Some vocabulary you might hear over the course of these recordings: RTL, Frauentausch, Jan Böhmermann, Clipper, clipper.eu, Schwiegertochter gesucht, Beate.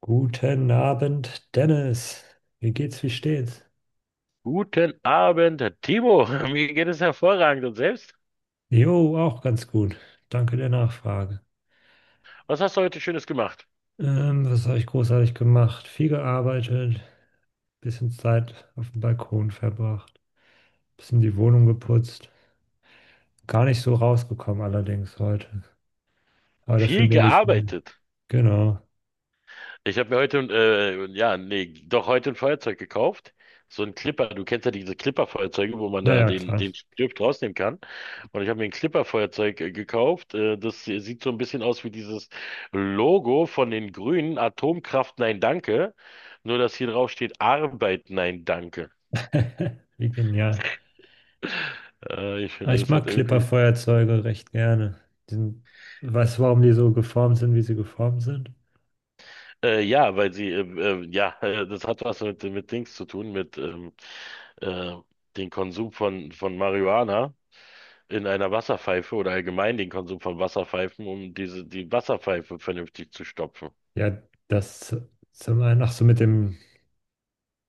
Guten Abend, Dennis. Wie geht's, wie steht's? Guten Abend, Timo. Mir geht es hervorragend, und selbst? Jo, auch ganz gut. Danke der Nachfrage. Was hast du heute Schönes gemacht? Was habe ich großartig gemacht? Viel gearbeitet, bisschen Zeit auf dem Balkon verbracht, bisschen die Wohnung geputzt. Gar nicht so rausgekommen allerdings heute. Aber dafür Viel nehme ich mir. gearbeitet. Genau. Ich habe mir heute, ja, nee, doch, heute ein Feuerzeug gekauft. So ein Clipper. Du kennst ja diese Clipper-Feuerzeuge, wo man da Naja, den, klar. den Stift rausnehmen kann. Und ich habe mir ein Clipper-Feuerzeug gekauft. Das sieht so ein bisschen aus wie dieses Logo von den Grünen. Atomkraft, nein, danke. Nur, dass hier drauf steht: Arbeit, nein, danke. Wie genial. Ich Aber finde, ich das mag hat irgendwie Clipper-Feuerzeuge recht gerne. Die sind, weißt du, warum die so geformt sind, wie sie geformt sind? Ja, weil sie, ja, das hat was mit Dings zu tun, mit äh, dem Konsum von Marihuana in einer Wasserpfeife oder allgemein den Konsum von Wasserpfeifen, um diese, die Wasserpfeife vernünftig zu stopfen. Ja, das sind wir noch so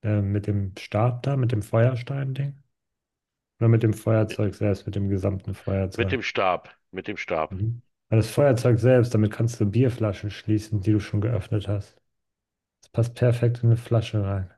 mit dem Stab da, mit dem Feuerstein-Ding. Oder mit dem Feuerzeug selbst, mit dem gesamten Mit Feuerzeug. dem Stab, mit dem Stab. Mhm. Weil das Feuerzeug selbst, damit kannst du Bierflaschen schließen, die du schon geöffnet hast. Das passt perfekt in eine Flasche rein.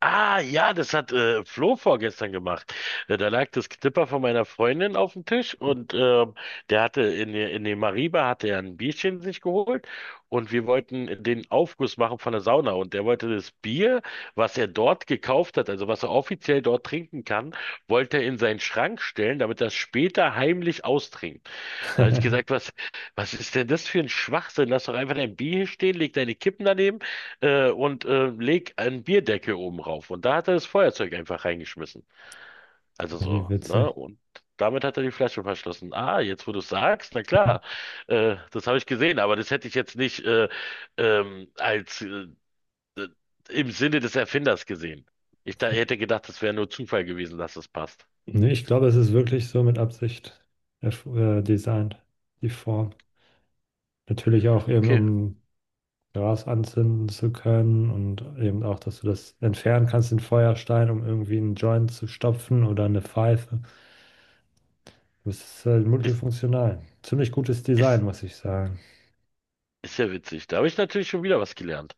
Ah, ja, das hat Flo vorgestern gemacht. Da lag das Knipper von meiner Freundin auf dem Tisch, und der hatte in, in dem Mariba hatte er ein Bierchen sich geholt, und wir wollten den Aufguss machen von der Sauna, und der wollte das Bier, was er dort gekauft hat, also was er offiziell dort trinken kann, wollte er in seinen Schrank stellen, damit er es später heimlich austrinkt. Da habe ich gesagt, was, was ist denn das für ein Schwachsinn? Lass doch einfach dein Bier hier stehen, leg deine Kippen daneben und leg einen Bierdeckel oben rauf. Und da hat er das Feuerzeug einfach reingeschmissen. Also Wie so, ne? witzig. Und damit hat er die Flasche verschlossen. Ah, jetzt wo du es sagst, na Ja. klar, das habe ich gesehen, aber das hätte ich jetzt nicht als äh, im Sinne des Erfinders gesehen. Ich da hätte gedacht, das wäre nur Zufall gewesen, dass es passt. Nee, ich glaube, es ist wirklich so mit Absicht erf- designt, die Form. Natürlich auch eben, Okay, um Gras anzünden zu können und eben auch, dass du das entfernen kannst, den Feuerstein, um irgendwie einen Joint zu stopfen oder eine Pfeife. Das ist halt ist, multifunktional. Ziemlich gutes Design, ist, muss ich sagen. ist ja witzig. Da habe ich natürlich schon wieder was gelernt.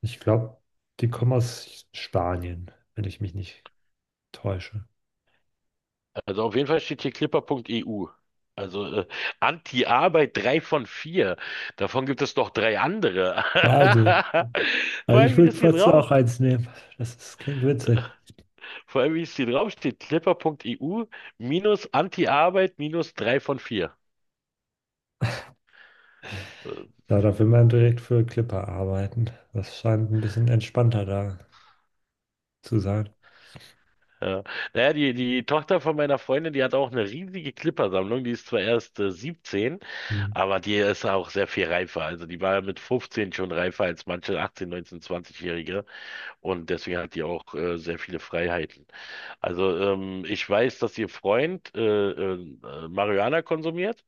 Ich glaube, die kommen aus Spanien, wenn ich mich nicht täusche. Also auf jeden Fall steht hier clipper.eu. Also Anti-Arbeit 3 von 4. Davon gibt es noch drei andere. Wahnsinn. Vor Also ich allem, wie würde das hier fast drauf, auch eins nehmen. Das ist, klingt witzig. vor allem, wie es hier drauf steht, clipper.eu minus Anti-Arbeit minus 3 von 4. Äh, Ja, da will man direkt für Clipper arbeiten. Das scheint ein bisschen entspannter da zu sein. ja. Naja, die Tochter von meiner Freundin, die hat auch eine riesige Clipper-Sammlung. Die ist zwar erst 17, Hm. aber die ist auch sehr viel reifer. Also die war mit 15 schon reifer als manche 18, 19, 20-Jährige. Und deswegen hat die auch sehr viele Freiheiten. Also ich weiß, dass ihr Freund äh, Marihuana konsumiert,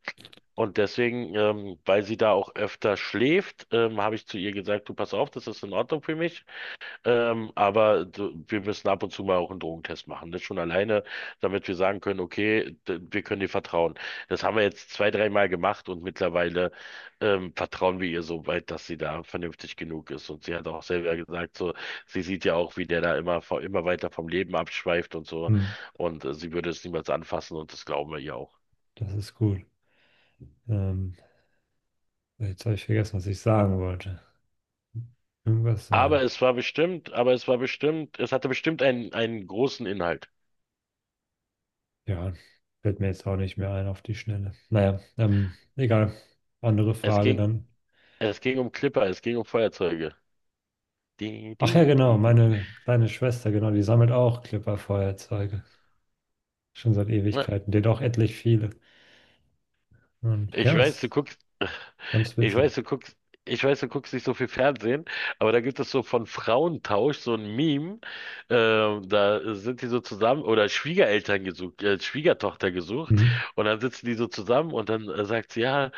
und deswegen, weil sie da auch öfter schläft, habe ich zu ihr gesagt, du pass auf, das ist in Ordnung für mich. Aber du, wir müssen ab und zu mal auch einen Drogentest machen. Das schon alleine, damit wir sagen können, okay, wir können dir vertrauen. Das haben wir jetzt zwei, dreimal gemacht, und mittlerweile vertrauen wir ihr so weit, dass sie da vernünftig genug ist. Und sie hat auch selber gesagt, so, sie sieht ja auch, wie der da immer, immer weiter vom Leben abschweift und so. Hm. Und sie würde es niemals anfassen, und das glauben wir ihr auch. Das ist gut. Ähm, Jetzt habe ich vergessen, was ich sagen wollte. Irgendwas sagen. Aber es war bestimmt, es hatte bestimmt einen, einen großen Inhalt. Ja, fällt mir jetzt auch nicht mehr ein auf die Schnelle. Naja, egal. Andere Es Frage ging, dann. es ging um Clipper, es ging um Feuerzeuge. Di, Ach ja, di, genau, di, di. meine kleine Schwester, genau, die sammelt auch Clipper-Feuerzeuge. Schon seit Na, Ewigkeiten. Die hat auch etlich viele. Und Ich ja, weiß, du ist guckst, ganz ich witzig. weiß, du guckst, ich weiß, du guckst nicht so viel Fernsehen, aber da gibt es so von Frauentausch so ein Meme, da sind die so zusammen, oder Schwiegereltern gesucht, Schwiegertochter gesucht, Mhm. und dann sitzen die so zusammen, und dann sagt sie, ja,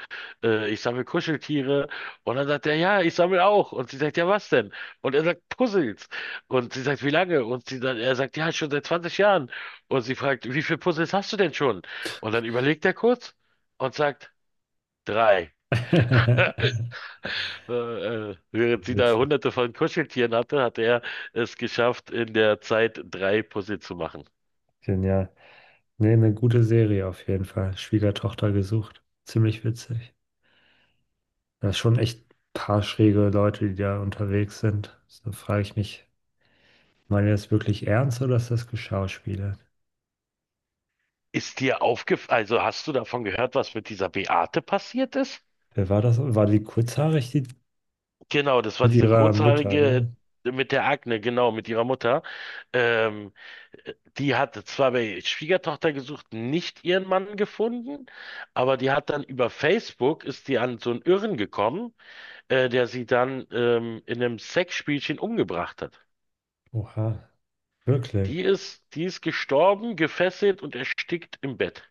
ich sammle Kuscheltiere, und dann sagt er, ja, ich sammle auch, und sie sagt, ja, was denn? Und er sagt, Puzzles, und sie sagt, wie lange? Und sie dann, er sagt, ja, schon seit 20 Jahren, und sie fragt, wie viele Puzzles hast du denn schon? Und dann überlegt er kurz und sagt: Drei. Während sie da Witzig. hunderte von Kuscheltieren hatte, hat er es geschafft, in der Zeit drei Puzzle zu machen. Genial. Nee, eine gute Serie auf jeden Fall. Schwiegertochter gesucht. Ziemlich witzig. Da ist schon echt ein paar schräge Leute, die da unterwegs sind. So frage ich mich, meinen die das wirklich ernst oder ist das geschauspielert? Ist dir aufgefallen, also hast du davon gehört, was mit dieser Beate passiert ist? Wer war das? War die kurzhaarig, die Genau, das war mit diese ihrer Mutter, kurzhaarige ne? mit der Akne, genau, mit ihrer Mutter. Ähm, die hat zwar bei Schwiegertochter gesucht nicht ihren Mann gefunden, aber die hat dann über Facebook, ist die an so einen Irren gekommen, der sie dann in einem Sexspielchen umgebracht hat. Oha, wirklich. Die ist gestorben, gefesselt und erstickt im Bett.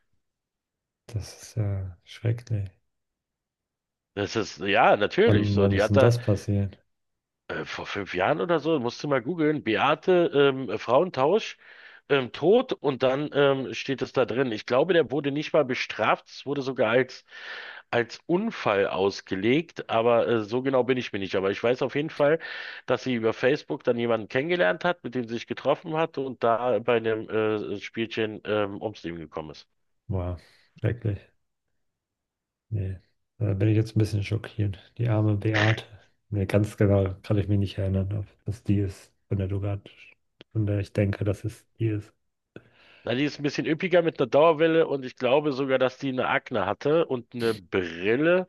Das ist ja schrecklich. Das ist, ja, natürlich. Wann, So, wann die ist hat denn da das passiert? Vor fünf Jahren oder so, musst du mal googeln, Beate Frauentausch, tot, und dann steht es da drin. Ich glaube, der wurde nicht mal bestraft, es wurde sogar als, als Unfall ausgelegt, aber so genau bin ich mir nicht. Aber ich weiß auf jeden Fall, dass sie über Facebook dann jemanden kennengelernt hat, mit dem sie sich getroffen hat, und da bei einem Spielchen ums Leben gekommen ist. Boah, schrecklich. Nee, da bin ich jetzt ein bisschen schockiert. Die arme Beate. Nee, ganz genau kann ich mich nicht erinnern, ob das die ist, von der du grad, von der ich denke, dass es die ist. Na, die ist ein bisschen üppiger mit einer Dauerwelle, und ich glaube sogar, dass die eine Akne hatte und eine Brille.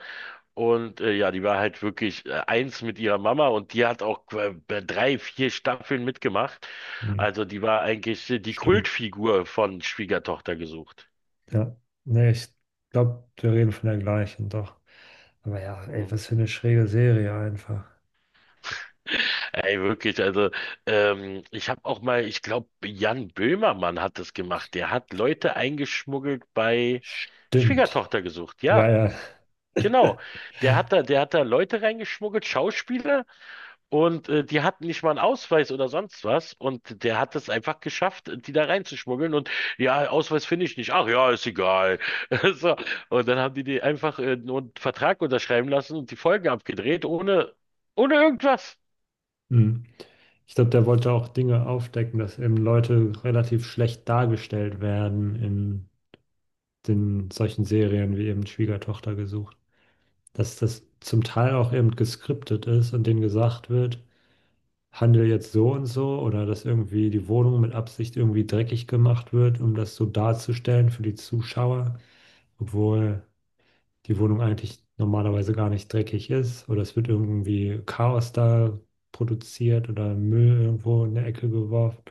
Und ja, die war halt wirklich eins mit ihrer Mama, und die hat auch drei, vier Staffeln mitgemacht. Hm, Also die war eigentlich die stimmt. Kultfigur von Schwiegertochter gesucht. Ja, nee, ich glaube, wir reden von der gleichen, doch. Aber ja, ey, Mhm. was für eine schräge Serie einfach. Ey, wirklich, also ich habe auch mal, ich glaube, Jan Böhmermann hat das gemacht. Der hat Leute eingeschmuggelt bei Stimmt. Schwiegertochter gesucht, Ja, ja. ja. Genau, der hat da Leute reingeschmuggelt, Schauspieler, und die hatten nicht mal einen Ausweis oder sonst was, und der hat es einfach geschafft, die da reinzuschmuggeln. Und ja, Ausweis finde ich nicht. Ach ja, ist egal. So, und dann haben die die einfach nur einen Vertrag unterschreiben lassen und die Folgen abgedreht, ohne, ohne irgendwas. Hm. Ich glaube, der wollte auch Dinge aufdecken, dass eben Leute relativ schlecht dargestellt werden in den solchen Serien wie eben Schwiegertochter gesucht. Dass das zum Teil auch eben geskriptet ist und denen gesagt wird, handle jetzt so und so oder dass irgendwie die Wohnung mit Absicht irgendwie dreckig gemacht wird, um das so darzustellen für die Zuschauer, obwohl die Wohnung eigentlich normalerweise gar nicht dreckig ist oder es wird irgendwie Chaos da produziert oder Müll irgendwo in der Ecke geworfen,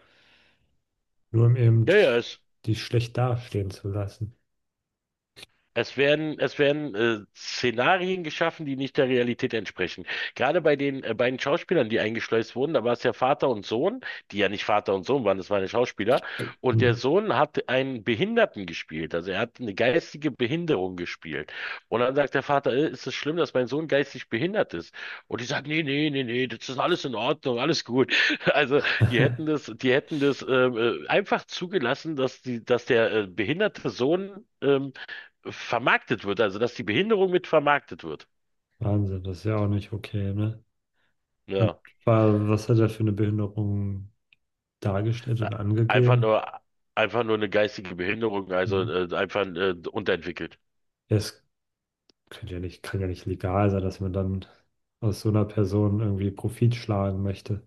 nur um eben Ja, ja, ist die schlecht dastehen zu lassen. Es werden Szenarien geschaffen, die nicht der Realität entsprechen. Gerade bei den beiden Schauspielern, die eingeschleust wurden, da war es ja Vater und Sohn, die ja nicht Vater und Sohn waren, das waren ja Schauspieler. Und der Hm. Sohn hat einen Behinderten gespielt, also er hat eine geistige Behinderung gespielt. Und dann sagt der Vater, ist es schlimm, dass mein Sohn geistig behindert ist? Und die sagen, nee, nee, nee, nee, das ist alles in Ordnung, alles gut. Also die hätten das einfach zugelassen, dass dass der behinderte Sohn vermarktet wird, also dass die Behinderung mit vermarktet wird. Wahnsinn, das ist ja auch nicht okay, ne? Und Ja, was hat er für eine Behinderung dargestellt na, und einfach angegeben? nur, einfach nur eine geistige Behinderung, also Hm. Einfach unterentwickelt. Er ist kann ja nicht legal sein, dass man dann aus so einer Person irgendwie Profit schlagen möchte.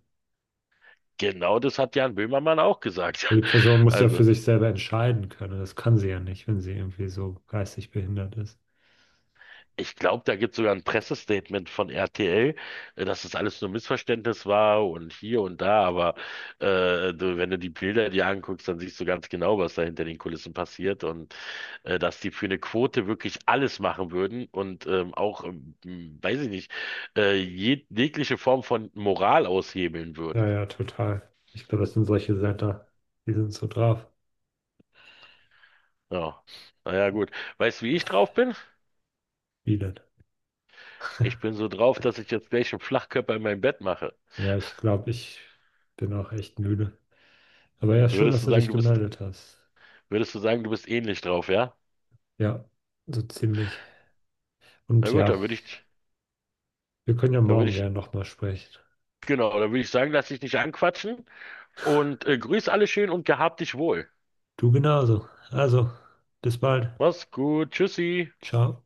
Genau das hat Jan Böhmermann auch gesagt. Weil die Person muss ja Also für sich selber entscheiden können. Das kann sie ja nicht, wenn sie irgendwie so geistig behindert ist. ich glaube, da gibt es sogar ein Pressestatement von RTL, dass das alles nur Missverständnis war und hier und da, aber du, wenn du die Bilder dir anguckst, dann siehst du ganz genau, was da hinter den Kulissen passiert, und dass die für eine Quote wirklich alles machen würden, und weiß ich nicht, jegliche Form von Moral aushebeln Ja, würden. ja, total. Ich glaube, das sind solche Setter, die sind so drauf. Ja. Naja, gut. Weißt du, wie ich drauf bin? Wielert. Ich bin so drauf, dass ich jetzt gleich einen Flachkörper in mein Bett mache. Ja, ich glaube, ich bin auch echt müde. Aber ja, schön, Würdest dass du du sagen, dich du bist, gemeldet hast. würdest du sagen, du bist ähnlich drauf, ja? Ja, so ziemlich. Na Und gut, ja, wir können ja da würde morgen ich, gerne nochmal sprechen. genau, da würde ich sagen, lass dich nicht anquatschen und grüß alle schön und gehabt dich wohl. Du genauso. Also, bis bald. Mach's gut, tschüssi. Ciao.